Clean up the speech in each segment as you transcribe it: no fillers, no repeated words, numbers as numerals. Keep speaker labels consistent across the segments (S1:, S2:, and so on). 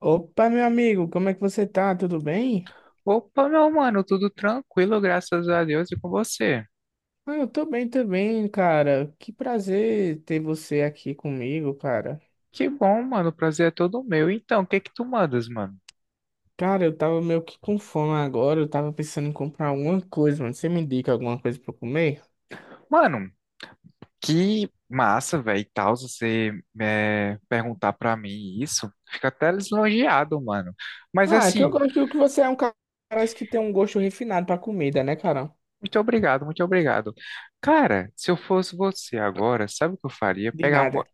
S1: Opa, meu amigo, como é que você tá? Tudo bem?
S2: Opa, meu mano, tudo tranquilo, graças a Deus e com você.
S1: Ah, eu tô bem também, cara. Que prazer ter você aqui comigo, cara.
S2: Que bom, mano, o prazer é todo meu. Então, o que que tu mandas, mano?
S1: Cara, eu tava meio que com fome agora. Eu tava pensando em comprar alguma coisa, mano. Você me indica alguma coisa pra eu comer?
S2: Mano, que massa, velho, e tal, você perguntar pra mim isso. Fica até lisonjeado, mano. Mas
S1: Ah, é que eu
S2: assim,
S1: gosto que você é um cara que tem um gosto refinado pra comida, né, cara?
S2: muito obrigado, muito obrigado. Cara, se eu fosse você agora, sabe o que eu faria?
S1: De nada.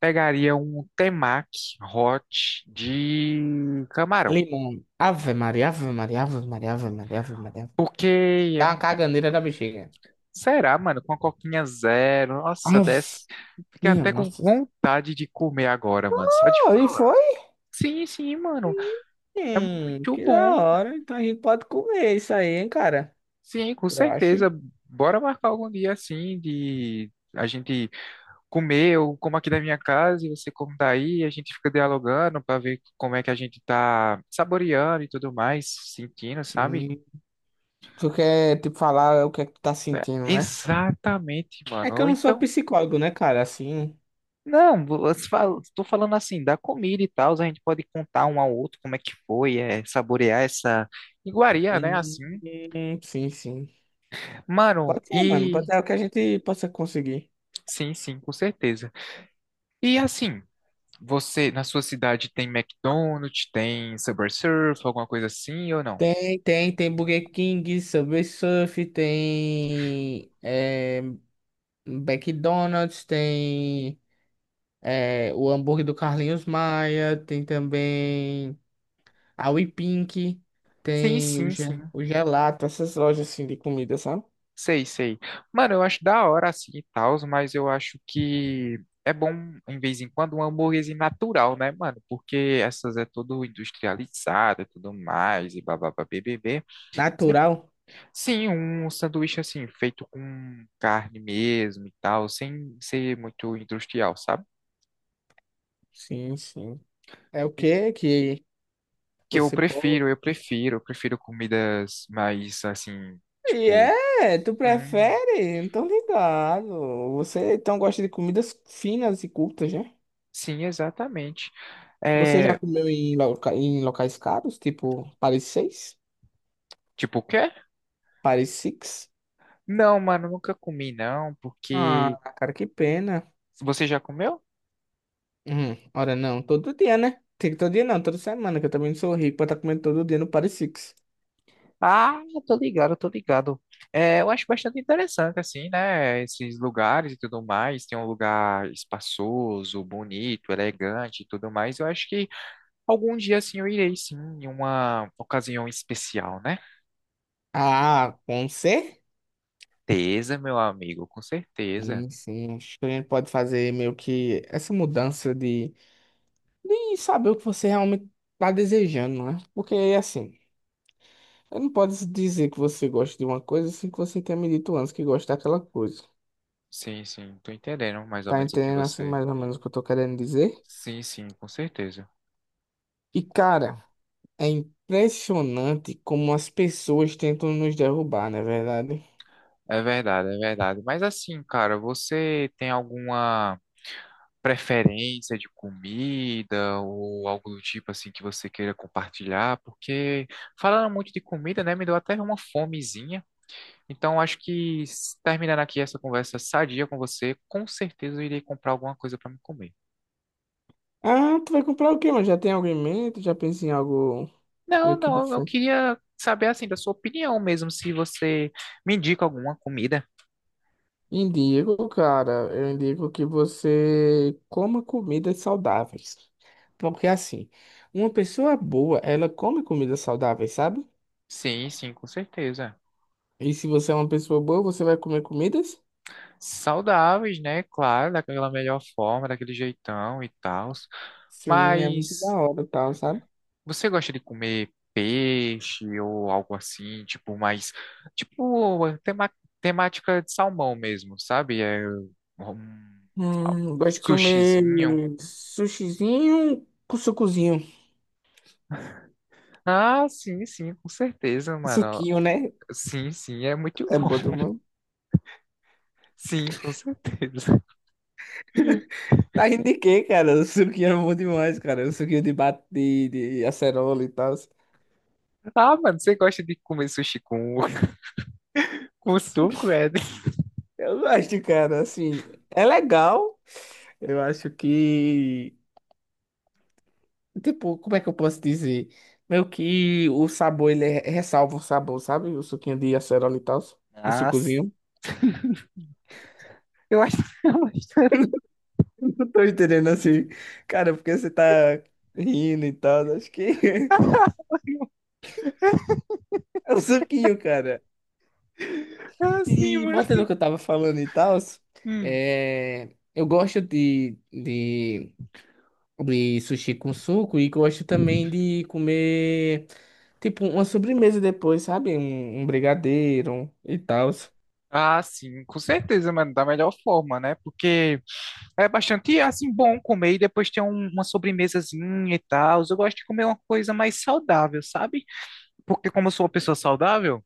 S2: Pegaria um temaki hot de camarão.
S1: Limão. Ave Maria, Ave Maria, Ave Maria, Ave Maria, Ave Maria.
S2: Porque
S1: Dá uma caganeira da bexiga.
S2: Será, mano? Com a coquinha zero. Nossa,
S1: Ave,
S2: desce. Fiquei
S1: minha
S2: até com
S1: nossa.
S2: vontade de comer agora, mano. Só de
S1: Ah, e
S2: falar.
S1: foi?
S2: Sim, sim, mano. É muito
S1: Que
S2: bom.
S1: da hora. Então a gente pode comer isso aí, hein, cara?
S2: Sim, com
S1: Eu acho.
S2: certeza.
S1: Hein?
S2: Bora marcar algum dia assim de a gente comer. Eu como aqui da minha casa e você como daí. A gente fica dialogando pra ver como é que a gente tá saboreando e tudo mais, sentindo, sabe?
S1: Hum, tu quer, tipo, falar o que é que tu tá
S2: É,
S1: sentindo, né?
S2: exatamente,
S1: É
S2: mano.
S1: que eu
S2: Ou
S1: não sou
S2: então.
S1: psicólogo, né, cara? Assim.
S2: Não, você fala- estou falando assim, da comida e tal, a gente pode contar um ao outro como é que foi, é, saborear essa iguaria, né, assim.
S1: Sim, sim.
S2: Mano,
S1: Pode ser, mano. Pode
S2: e
S1: ser o que a gente possa conseguir.
S2: sim, sim, com certeza. E assim, você, na sua cidade tem McDonald's, tem Subway Surf, alguma coisa assim ou não?
S1: Tem, tem, tem Burger King, Subway Surf, tem McDonald's, tem o hambúrguer do Carlinhos Maia, tem também. A WePink,
S2: Sim,
S1: tem o,
S2: sim, sim.
S1: O Gelato, essas lojas assim de comida, sabe?
S2: Sei, sei. Mano, eu acho da hora assim e tal, mas eu acho que é bom, em vez em quando, uma hambúrguerzinho natural, né, mano? Porque essas é tudo industrializado e tudo mais, e bababá, BBB. Cê-
S1: Natural?
S2: sim, um sanduíche assim, feito com carne mesmo e tal, sem ser muito industrial, sabe?
S1: Sim, sim. É o
S2: E
S1: que que
S2: que eu
S1: você pode.
S2: prefiro, eu prefiro comidas mais assim,
S1: E
S2: tipo.
S1: é, tu
S2: Sim,
S1: prefere? Não tô ligado. Você então gosta de comidas finas e curtas, né?
S2: sim, exatamente.
S1: Você já
S2: É,
S1: comeu em, em locais caros, tipo Paris 6?
S2: tipo o quê?
S1: Paris Six?
S2: Não, mano, nunca comi não, porque
S1: Ah, cara, que pena.
S2: você já comeu?
S1: Ora não, todo dia, né? Tem que todo dia não, toda semana, que eu também não sou rico pra estar comendo todo dia no Paris Six.
S2: Ah, eu tô ligado, eu tô ligado. É, eu acho bastante interessante assim, né? Esses lugares e tudo mais. Tem um lugar espaçoso, bonito, elegante e tudo mais. Eu acho que algum dia assim eu irei sim, em uma ocasião especial, né?
S1: Ah, com C?
S2: Certeza, meu amigo, com certeza.
S1: Sim, sim. Acho que a gente pode fazer meio que essa mudança de e saber o que você realmente tá desejando, né? Porque assim, eu não pode dizer que você gosta de uma coisa sem que você tenha me dito antes que gosta daquela coisa.
S2: Sim, sim, tô entendendo mais ou
S1: Tá
S2: menos o que
S1: entendendo assim
S2: você.
S1: mais ou menos o que eu tô querendo dizer?
S2: Sim, sim, com certeza.
S1: E cara, é impressionante como as pessoas tentam nos derrubar, não é verdade?
S2: É verdade, é verdade. Mas assim, cara, você tem alguma preferência de comida ou algo do tipo assim que você queira compartilhar, porque falando muito de comida, né, me deu até uma fomezinha. Então acho que s- terminando aqui essa conversa sadia com você, com certeza eu irei comprar alguma coisa para me comer.
S1: Ah, tu vai comprar o quê, mano? Já tem algo em mente? Já pensa em algo meio
S2: Não,
S1: que
S2: não, eu
S1: diferente?
S2: queria saber assim da sua opinião mesmo, se você me indica alguma comida.
S1: Indico, cara, eu indico que você coma comidas saudáveis. Porque assim, uma pessoa boa, ela come comidas saudáveis, sabe?
S2: Sim, sim, com certeza.
S1: E se você é uma pessoa boa, você vai comer comidas?
S2: Saudáveis, né? Claro, daquela melhor forma, daquele jeitão e tal.
S1: Sim, é muito da
S2: Mas
S1: hora, e tal, sabe?
S2: você gosta de comer peixe ou algo assim, tipo mais, tipo tema, temática de salmão mesmo, sabe? É um
S1: Gosto de comer
S2: sushizinho.
S1: sushizinho com sucozinho.
S2: Ah, sim, sim, com certeza, mano.
S1: Suquinho, né?
S2: Sim, sim, é muito
S1: É
S2: bom.
S1: bom demais.
S2: Sim, com certeza.
S1: Tá rindo de quê, cara? O suquinho é bom demais, cara. O suquinho bate, de acerola e tal.
S2: Ah, mano, você gosta de comer sushi com suco, é?
S1: Eu gosto, cara, assim, é legal. Eu acho que, tipo, como é que eu posso dizer? Meio que o sabor, ressalva o sabor, sabe? O suquinho de acerola e tal, o
S2: Ah, s-
S1: sucozinho.
S2: eu acho.
S1: Não tô entendendo assim. Cara, porque você tá rindo e tal, acho que é o suquinho, cara.
S2: Ah, sim,
S1: E
S2: mano.
S1: voltando ao que eu tava falando e tal,
S2: Hum.
S1: eu gosto de sushi com suco. E gosto também de comer, tipo, uma sobremesa depois, sabe? Um brigadeiro e tal.
S2: Ah, sim, com certeza, mano, da melhor forma, né? Porque é bastante, é, assim, bom comer e depois ter um- uma sobremesazinha e tal. Eu gosto de comer uma coisa mais saudável, sabe? Porque como eu sou uma pessoa saudável,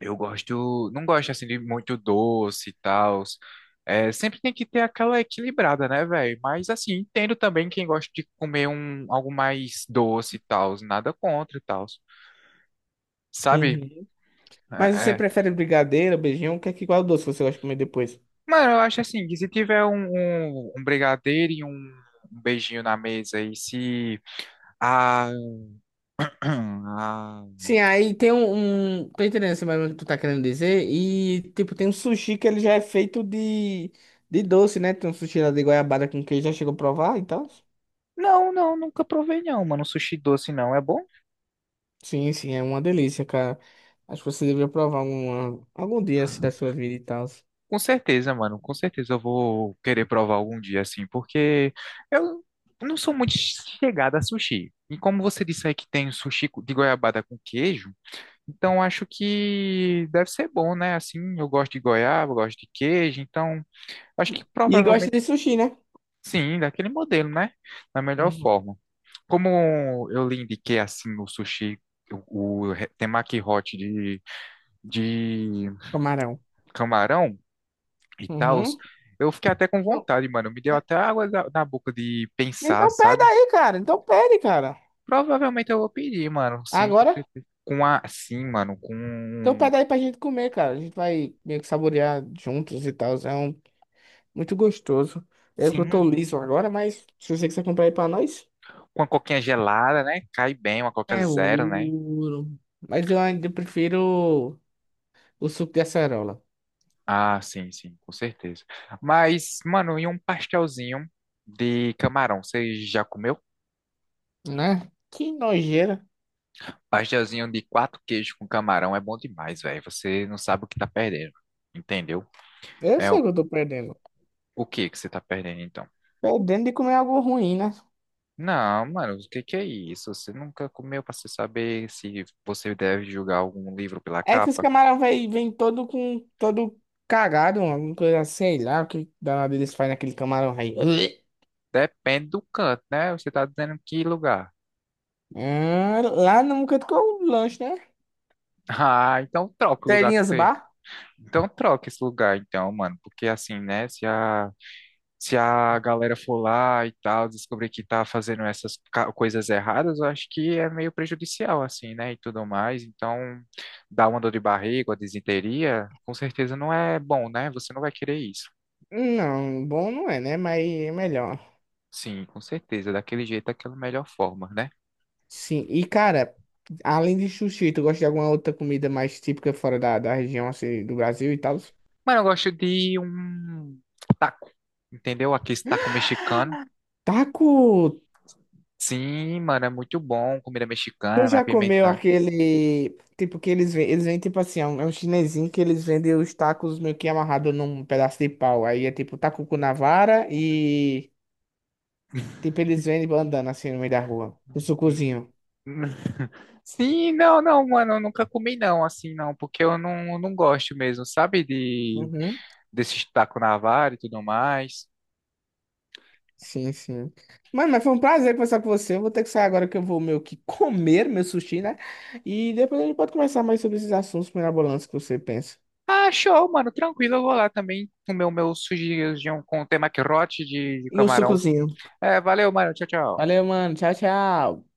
S2: eu gosto, não gosto, assim, de muito doce e tal. É, sempre tem que ter aquela equilibrada, né, velho? Mas, assim, entendo também quem gosta de comer um, algo mais doce e tal. Nada contra e tal, sabe?
S1: Uhum. Mas
S2: É,
S1: você
S2: é.
S1: prefere brigadeiro, beijinho? O que é que Qual doce você gosta de comer depois?
S2: Mano, eu acho assim, que se tiver um brigadeiro e um beijinho na mesa e se... A ah.
S1: Sim, aí tem um... Tô entendendo assim, mais ou menos o que tu tá querendo dizer. E, tipo, tem um sushi que ele já é feito de doce, né? Tem um sushi lá de goiabada com queijo, já chegou a provar e tal?
S2: Não, não, nunca provei não, mano. Sushi doce não é bom?
S1: Sim, sim, é uma delícia, cara. Acho que você deveria provar algum dia, assim, da sua vida e tal.
S2: Com certeza, mano. Com certeza eu vou querer provar algum dia assim, porque eu não sou muito chegada a sushi. E como você disse aí que tem sushi de goiabada com queijo, então acho que deve ser bom, né? Assim, eu gosto de goiaba, eu gosto de queijo, então acho que
S1: E gosta
S2: provavelmente
S1: de sushi, né?
S2: sim, daquele modelo, né? Da melhor
S1: Uhum.
S2: forma. Como eu lhe indiquei assim no sushi o re- temaki hot de
S1: Camarão.
S2: camarão e tal,
S1: Uhum.
S2: eu fiquei até com
S1: Bom,
S2: vontade, mano. Me deu
S1: né?
S2: até água da- na boca de pensar,
S1: Então pede
S2: sabe?
S1: aí, cara. Então pede, cara.
S2: Provavelmente eu vou pedir, mano. Sim, com
S1: Agora,
S2: certeza. Com a, sim, mano, com
S1: então pede aí pra gente comer, cara. A gente vai meio que saborear juntos e tal. É um, muito gostoso. É que eu tô
S2: sim,
S1: liso agora, mas se você quiser comprar aí pra nós,
S2: com a coquinha gelada, né? Cai bem, uma coca
S1: é
S2: zero, né?
S1: ouro. Mas eu ainda prefiro o suco de acerola,
S2: Ah, sim, sim, com certeza. Mas, mano, e um pastelzinho de camarão? Você já comeu?
S1: né? Que nojeira.
S2: Pastelzinho de quatro queijos com camarão é bom demais, velho. Você não sabe o que tá perdendo, entendeu?
S1: Eu
S2: É,
S1: sei que eu tô perdendo.
S2: o que que você tá perdendo, então?
S1: Perdendo de comer algo ruim, né?
S2: Não, mano, o que que é isso? Você nunca comeu pra você saber se você deve julgar algum livro pela
S1: É que os
S2: capa?
S1: camarão vai, vem todo com todo cagado, alguma coisa, sei lá, o que danado eles fazem naquele camarão aí.
S2: Depende do canto, né? Você tá dizendo que lugar.
S1: Ah, lá no canto com o lanche, né?
S2: Ah, então troca o lugar que
S1: Telinhas
S2: você.
S1: Bar?
S2: Então troca esse lugar, então, mano. Porque assim, né? Se a galera for lá e tal, descobrir que tá fazendo essas ca- coisas erradas, eu acho que é meio prejudicial, assim, né? E tudo mais. Então, dar uma dor de barriga, uma disenteria, com certeza não é bom, né? Você não vai querer isso.
S1: Não, bom não é, né? Mas é melhor.
S2: Sim, com certeza. Daquele jeito, daquela melhor forma, né?
S1: Sim, e cara, além de sushi, tu gosta de alguma outra comida mais típica fora da região, assim, do Brasil e tal?
S2: Mas eu gosto de um taco, entendeu? Aquele taco mexicano.
S1: Taco!
S2: Sim, mano, é muito bom. Comida
S1: Tu
S2: mexicana,
S1: já comeu
S2: pimenta.
S1: aquele, tipo, eles vendem, tipo assim, é um chinesinho que eles vendem os tacos meio que amarrado num pedaço de pau. Aí é tipo taco com navara e, tipo, eles vendem andando assim no meio da rua. O sucozinho.
S2: Sim, não, não, mano, eu nunca comi não, assim, não, porque eu não, não gosto mesmo, sabe, de
S1: Uhum.
S2: desse taco na vara e tudo mais.
S1: Sim, sim. Mano, mas foi um prazer conversar com você. Eu vou ter que sair agora que eu vou meio que comer meu sushi, né? E depois a gente pode conversar mais sobre esses assuntos mirabolantes que você pensa.
S2: Ah, show, mano, tranquilo, eu vou lá também comer o meu sujinho com tema maquerote de
S1: E o
S2: camarão.
S1: sucozinho.
S2: É, valeu, mano, tchau, tchau.
S1: Valeu, mano. Tchau, tchau.